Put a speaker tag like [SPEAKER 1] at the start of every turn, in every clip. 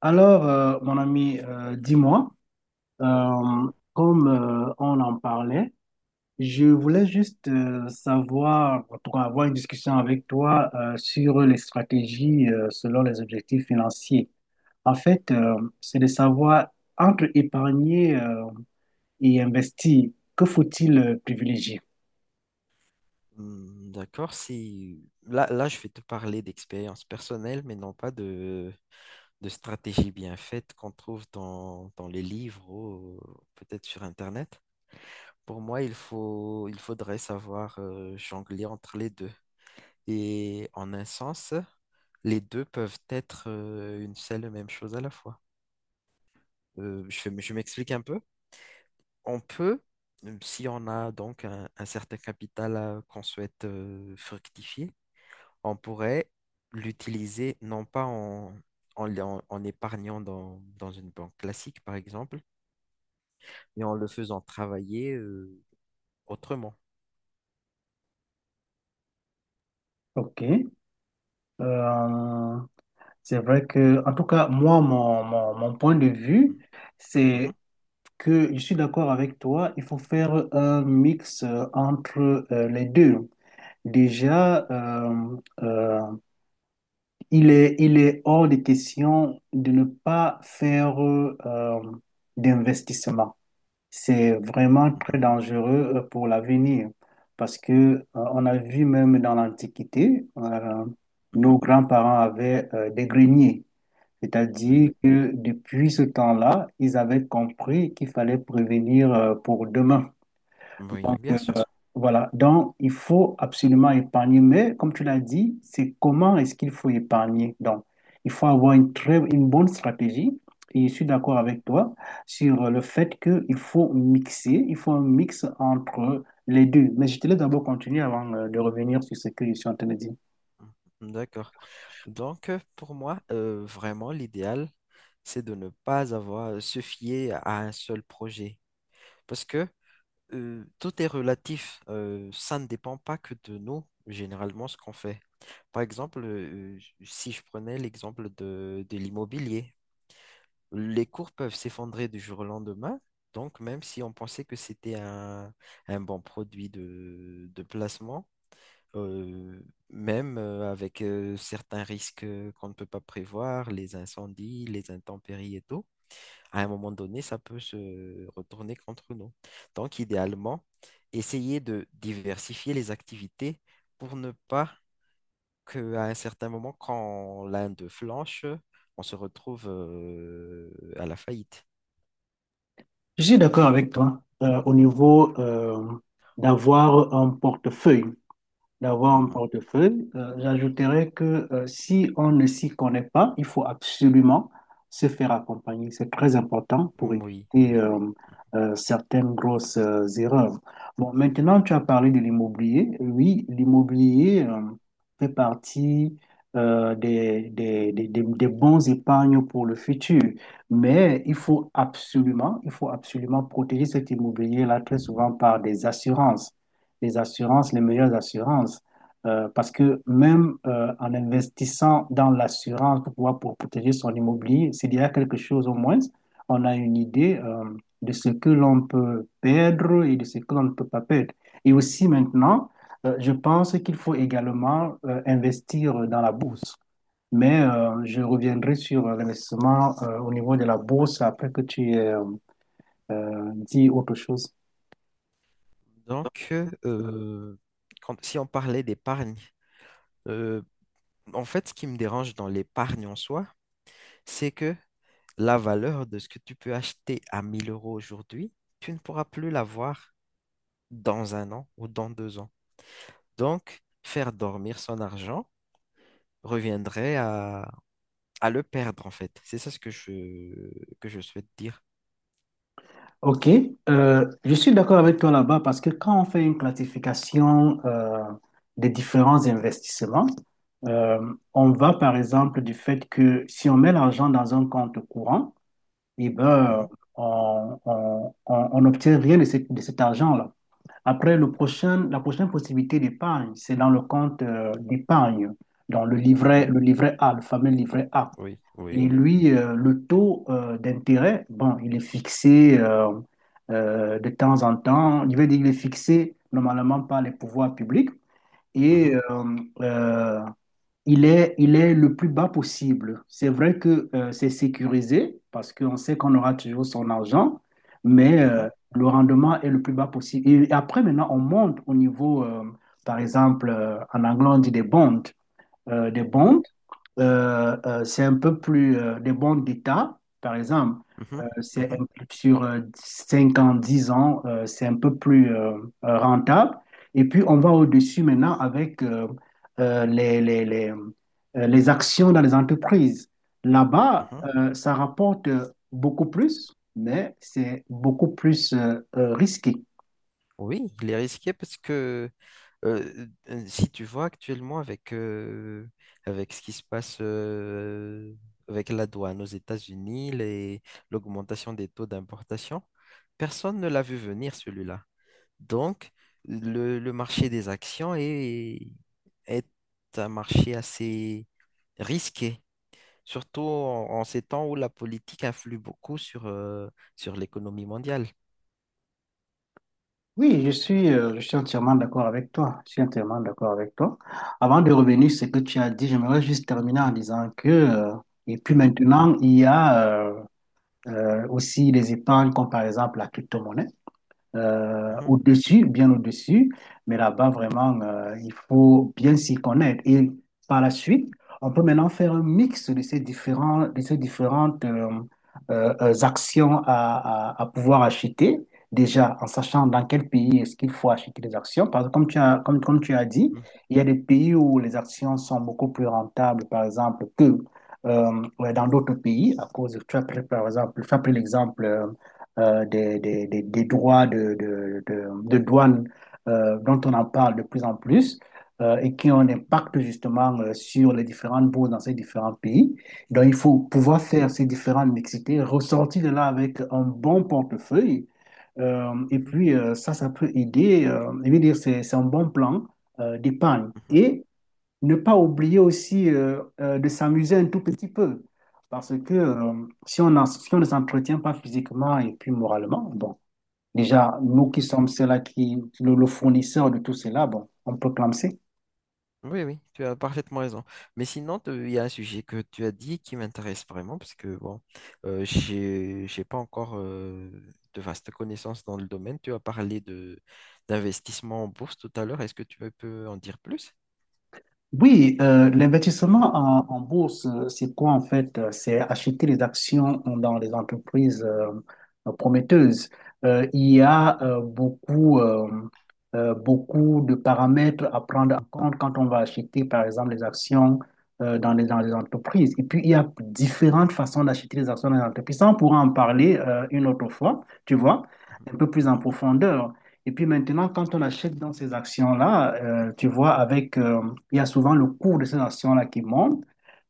[SPEAKER 1] Alors, mon ami, dis-moi, comme on en parlait. Je voulais juste savoir, en tout cas, avoir une discussion avec toi sur les stratégies selon les objectifs financiers. En fait, c'est de savoir entre épargner et investir, que faut-il privilégier?
[SPEAKER 2] Hmm, d'accord, si là, je vais te parler d'expérience personnelle, mais non pas de stratégie bien faite qu'on trouve dans les livres ou peut-être sur Internet. Pour moi, il faudrait savoir jongler entre les deux. Et en un sens, les deux peuvent être une seule et même chose à la fois. Je m'explique un peu. On peut, Si on a donc un certain qu'on souhaite fructifier, on pourrait l'utiliser non pas en épargnant dans une banque classique, par exemple, mais en le faisant travailler autrement.
[SPEAKER 1] OK. Euh, c'est vrai que, en tout cas, moi, mon point de vue, c'est
[SPEAKER 2] Mhm,
[SPEAKER 1] que je suis d'accord avec toi, il faut faire un mix entre les deux. Déjà, euh, il est hors de question de ne pas faire d'investissement. C'est vraiment
[SPEAKER 2] mhm,
[SPEAKER 1] très dangereux pour l'avenir, parce que on a vu même dans l'Antiquité,
[SPEAKER 2] mhm, mhm.
[SPEAKER 1] nos grands-parents avaient des greniers. C'est-à-dire
[SPEAKER 2] Oui,
[SPEAKER 1] que depuis ce temps-là, ils avaient compris qu'il fallait prévenir pour demain.
[SPEAKER 2] oui,
[SPEAKER 1] Donc,
[SPEAKER 2] bien sûr.
[SPEAKER 1] voilà. Donc, il faut absolument épargner. Mais comme tu l'as dit, c'est comment est-ce qu'il faut épargner. Donc, il faut avoir une bonne stratégie. Et je suis d'accord
[SPEAKER 2] Mhm,
[SPEAKER 1] avec toi sur le fait qu'il faut mixer, il faut un mix entre les deux. Mais je te laisse d'abord continuer avant de revenir sur ce que je suis en train de dire.
[SPEAKER 2] mhm. D'accord. Donc, pour moi, vraiment, l'idéal, c'est de ne pas avoir se fier à un seul projet. Parce que tout est relatif. Ça ne dépend pas que de nous, généralement, ce qu'on fait. Par exemple, si je prenais l'exemple de l'immobilier, les cours peuvent s'effondrer du jour au lendemain. Donc, même si on pensait que c'était un bon produit de placement, euh, même avec certains risques qu'on ne peut pas prévoir, les incendies, les intempéries et tout, à un moment donné, ça peut se retourner contre nous. Donc, idéalement, essayer de diversifier les activités pour ne pas qu'à un certain moment, quand l'un d'eux flanche, on se retrouve à la faillite.
[SPEAKER 1] Je suis d'accord avec toi au niveau d'avoir un portefeuille d'avoir un
[SPEAKER 2] Mhm.
[SPEAKER 1] portefeuille. J'ajouterais que si on ne s'y connaît pas, il faut absolument se faire accompagner. C'est très important pour
[SPEAKER 2] Oui,
[SPEAKER 1] éviter
[SPEAKER 2] oui.
[SPEAKER 1] certaines grosses erreurs. Bon, maintenant, tu as parlé de l'immobilier. Oui, l'immobilier fait partie des bons épargnes pour le futur. Mais il faut absolument protéger cet immobilier-là très souvent par des assurances, les assurances, les meilleures assurances. Parce que même en investissant dans l'assurance pour pouvoir pour protéger son immobilier, s'il y a quelque chose au moins, on a une idée de ce que l'on peut perdre et de ce que l'on ne peut pas perdre. Et aussi maintenant, je pense qu'il faut également investir dans la bourse. Mais je reviendrai sur l'investissement au niveau de la bourse après que tu aies dit autre chose.
[SPEAKER 2] Donc, euh, si on parlait d'épargne, euh, en fait, ce qui me dérange dans l'épargne en soi, c'est que la valeur de ce que tu peux acheter à 1000 euros aujourd'hui, tu ne pourras plus l'avoir dans un an ou dans deux ans. Donc, faire dormir son argent reviendrait à le perdre, en fait. C'est ça ce que que je souhaite dire.
[SPEAKER 1] Ok, je suis d'accord avec toi là-bas parce que quand on fait une classification des différents investissements, euh, on va par exemple du fait que si on met l'argent dans un compte courant, eh ben,
[SPEAKER 2] Mhm,
[SPEAKER 1] on n'obtient rien de, de cet argent-là. Après, la prochaine possibilité d'épargne, c'est dans le compte d'épargne, dans
[SPEAKER 2] mhm.
[SPEAKER 1] le livret A, le fameux livret A.
[SPEAKER 2] Oui,
[SPEAKER 1] Et
[SPEAKER 2] oui.
[SPEAKER 1] lui, le taux d'intérêt, bon, il est fixé de temps en temps. Il veut dire qu'il est fixé normalement par les pouvoirs publics, et
[SPEAKER 2] Mhm,
[SPEAKER 1] il est le plus bas possible. C'est vrai que c'est sécurisé parce qu'on sait qu'on aura toujours son argent, mais
[SPEAKER 2] mhm,
[SPEAKER 1] le rendement est le plus bas possible. Et après, maintenant, on monte au niveau, par exemple, en anglais, on dit des bonds, des
[SPEAKER 2] mhm,
[SPEAKER 1] bonds. C'est un peu plus des bons d'État, par exemple.
[SPEAKER 2] mhm, mhm, mhm.
[SPEAKER 1] Sur 5 ans, 10 ans, c'est un peu plus rentable. Et puis, on va au-dessus maintenant avec les actions dans les entreprises. Là-bas,
[SPEAKER 2] Mhm.
[SPEAKER 1] ça rapporte beaucoup plus, mais c'est beaucoup plus risqué.
[SPEAKER 2] Oui, il est risqué parce que si tu vois actuellement avec ce qui se passe avec la douane aux États-Unis, l'augmentation des taux d'importation, personne ne l'a vu venir celui-là. Donc, le marché des actions est un marché assez risqué, surtout en ces temps où la politique influe beaucoup sur l'économie mondiale.
[SPEAKER 1] Oui, je suis entièrement d'accord avec toi. Je suis entièrement d'accord avec toi. Avant de revenir sur ce que tu as dit, j'aimerais juste terminer en disant que, et puis
[SPEAKER 2] Mhm,
[SPEAKER 1] maintenant, il y a aussi les épargnes comme par exemple la crypto-monnaie
[SPEAKER 2] mhm,
[SPEAKER 1] au-dessus, bien au-dessus. Mais là-bas, vraiment, il faut bien s'y connaître. Et par la suite, on peut maintenant faire un mix de de ces différentes actions à pouvoir acheter. Déjà, en sachant dans quel pays est-ce qu'il faut acheter les actions. Parce que comme tu as dit,
[SPEAKER 2] mhm,
[SPEAKER 1] il y a des pays où les actions sont beaucoup plus rentables, par exemple, que ouais, dans d'autres pays, à cause, tu as pris l'exemple des droits de douane dont on en parle de plus en plus, et qui ont un impact justement sur les différentes bourses dans ces différents pays. Donc il faut pouvoir
[SPEAKER 2] mhm.
[SPEAKER 1] faire ces différentes mixités, ressortir de là avec un bon portefeuille. Et
[SPEAKER 2] Mhm.
[SPEAKER 1] puis ça, ça peut aider. Je veux dire, c'est un bon plan d'épargne.
[SPEAKER 2] Mhm,
[SPEAKER 1] Et ne pas oublier aussi de s'amuser un tout petit peu. Parce que si on ne s'entretient pas physiquement et puis moralement, bon, déjà, nous qui
[SPEAKER 2] mhm.
[SPEAKER 1] sommes ceux-là qui, le fournisseur de tout cela, bon, on peut clamser.
[SPEAKER 2] Oui, oui, tu as parfaitement raison. Mais sinon, il y a un sujet que tu as dit qui m'intéresse vraiment, parce que bon, j'ai pas encore de vastes connaissances dans le domaine. Tu as parlé de d'investissement en bourse tout à l'heure. Est-ce que tu peux en dire plus?
[SPEAKER 1] Oui, l'investissement en bourse, c'est quoi en fait? C'est acheter les actions dans les entreprises prometteuses. Il y
[SPEAKER 2] Mhm,
[SPEAKER 1] a beaucoup de paramètres à prendre en compte quand on va acheter, par exemple, les actions dans les entreprises. Et puis, il y a différentes façons d'acheter les actions dans les entreprises. Ça, on pourra en parler une autre fois, tu vois,
[SPEAKER 2] mhm,
[SPEAKER 1] un peu plus en profondeur. Et puis maintenant, quand on achète dans ces actions-là, tu vois, il y a souvent le cours de ces actions-là qui monte.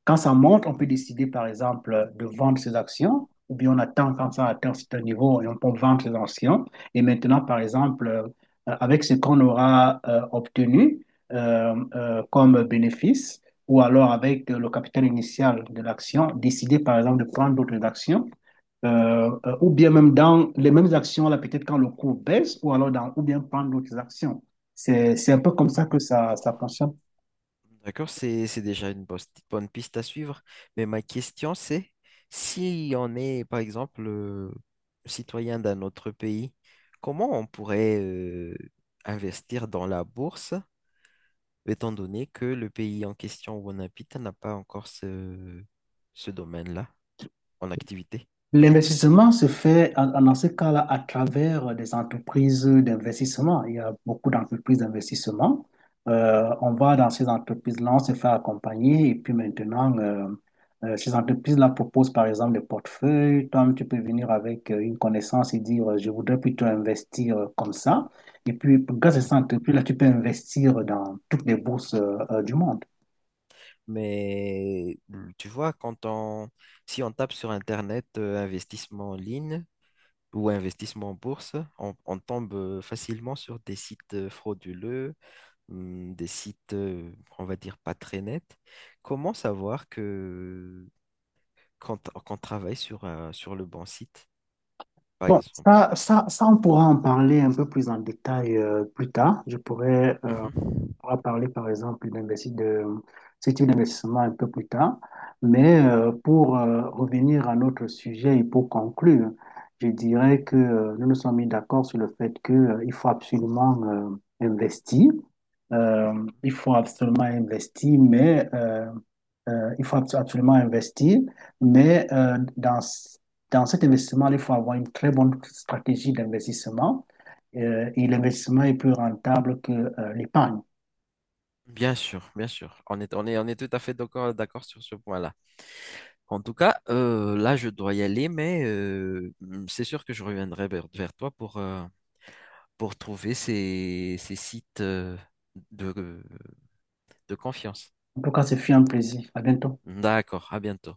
[SPEAKER 1] Quand ça monte, on peut
[SPEAKER 2] mhm,
[SPEAKER 1] décider, par exemple, de vendre ces actions, ou bien on attend quand ça
[SPEAKER 2] mhm,
[SPEAKER 1] atteint un certain niveau et on peut vendre ces actions. Et maintenant, par exemple, avec ce qu'on aura obtenu comme bénéfice, ou alors avec le capital initial de l'action, décider, par exemple, de prendre d'autres actions ou bien même dans les mêmes actions, là, peut-être quand le cours baisse, ou bien prendre d'autres actions. C'est un peu comme
[SPEAKER 2] mhm,
[SPEAKER 1] ça
[SPEAKER 2] mhm.
[SPEAKER 1] que ça fonctionne.
[SPEAKER 2] D'accord, c'est déjà une bonne piste à suivre. Mais ma question, c'est si on est, par exemple, citoyen d'un autre pays, comment on pourrait investir dans la bourse, étant donné que le pays en question où on habite n'a pas encore ce domaine-là en activité?
[SPEAKER 1] L'investissement se fait dans ce cas-là à travers des entreprises d'investissement. Il y a beaucoup d'entreprises d'investissement. On va dans ces entreprises-là, on se fait accompagner et puis maintenant, ces entreprises-là proposent par exemple des portefeuilles. Toi, tu peux venir avec une connaissance et dire, je voudrais plutôt investir comme ça. Et puis, grâce à ces
[SPEAKER 2] Mhm.
[SPEAKER 1] entreprises-là, tu peux investir dans toutes les bourses du monde.
[SPEAKER 2] Mais tu vois, si on tape sur Internet investissement en ligne, ou investissement en bourse, on tombe facilement sur des sites frauduleux, des sites, on va dire, pas très nets. Comment savoir que qu'on qu'on travaille sur le bon site, par
[SPEAKER 1] Bon,
[SPEAKER 2] exemple?
[SPEAKER 1] on pourra en parler un peu plus en détail plus tard. Je pourrais
[SPEAKER 2] Mhm,
[SPEAKER 1] On va parler par exemple de ce type d'investissement un peu plus tard. Mais
[SPEAKER 2] mhm,
[SPEAKER 1] pour revenir à notre sujet et pour conclure, je
[SPEAKER 2] mhm.
[SPEAKER 1] dirais que nous nous sommes mis d'accord sur le fait que, il faut absolument investir. Euh, il faut absolument investir, mais absolument investir. Mais dans cet investissement, il faut avoir une très bonne stratégie d'investissement. Et l'investissement est plus rentable que l'épargne.
[SPEAKER 2] Bien sûr, bien sûr. On est tout à fait d'accord, d'accord sur ce point-là. En tout cas, là, je dois y aller, mais c'est sûr que je reviendrai vers toi pour trouver ces sites de, de confiance.
[SPEAKER 1] En tout cas, ce fut un plaisir. À bientôt.
[SPEAKER 2] D'accord, à bientôt.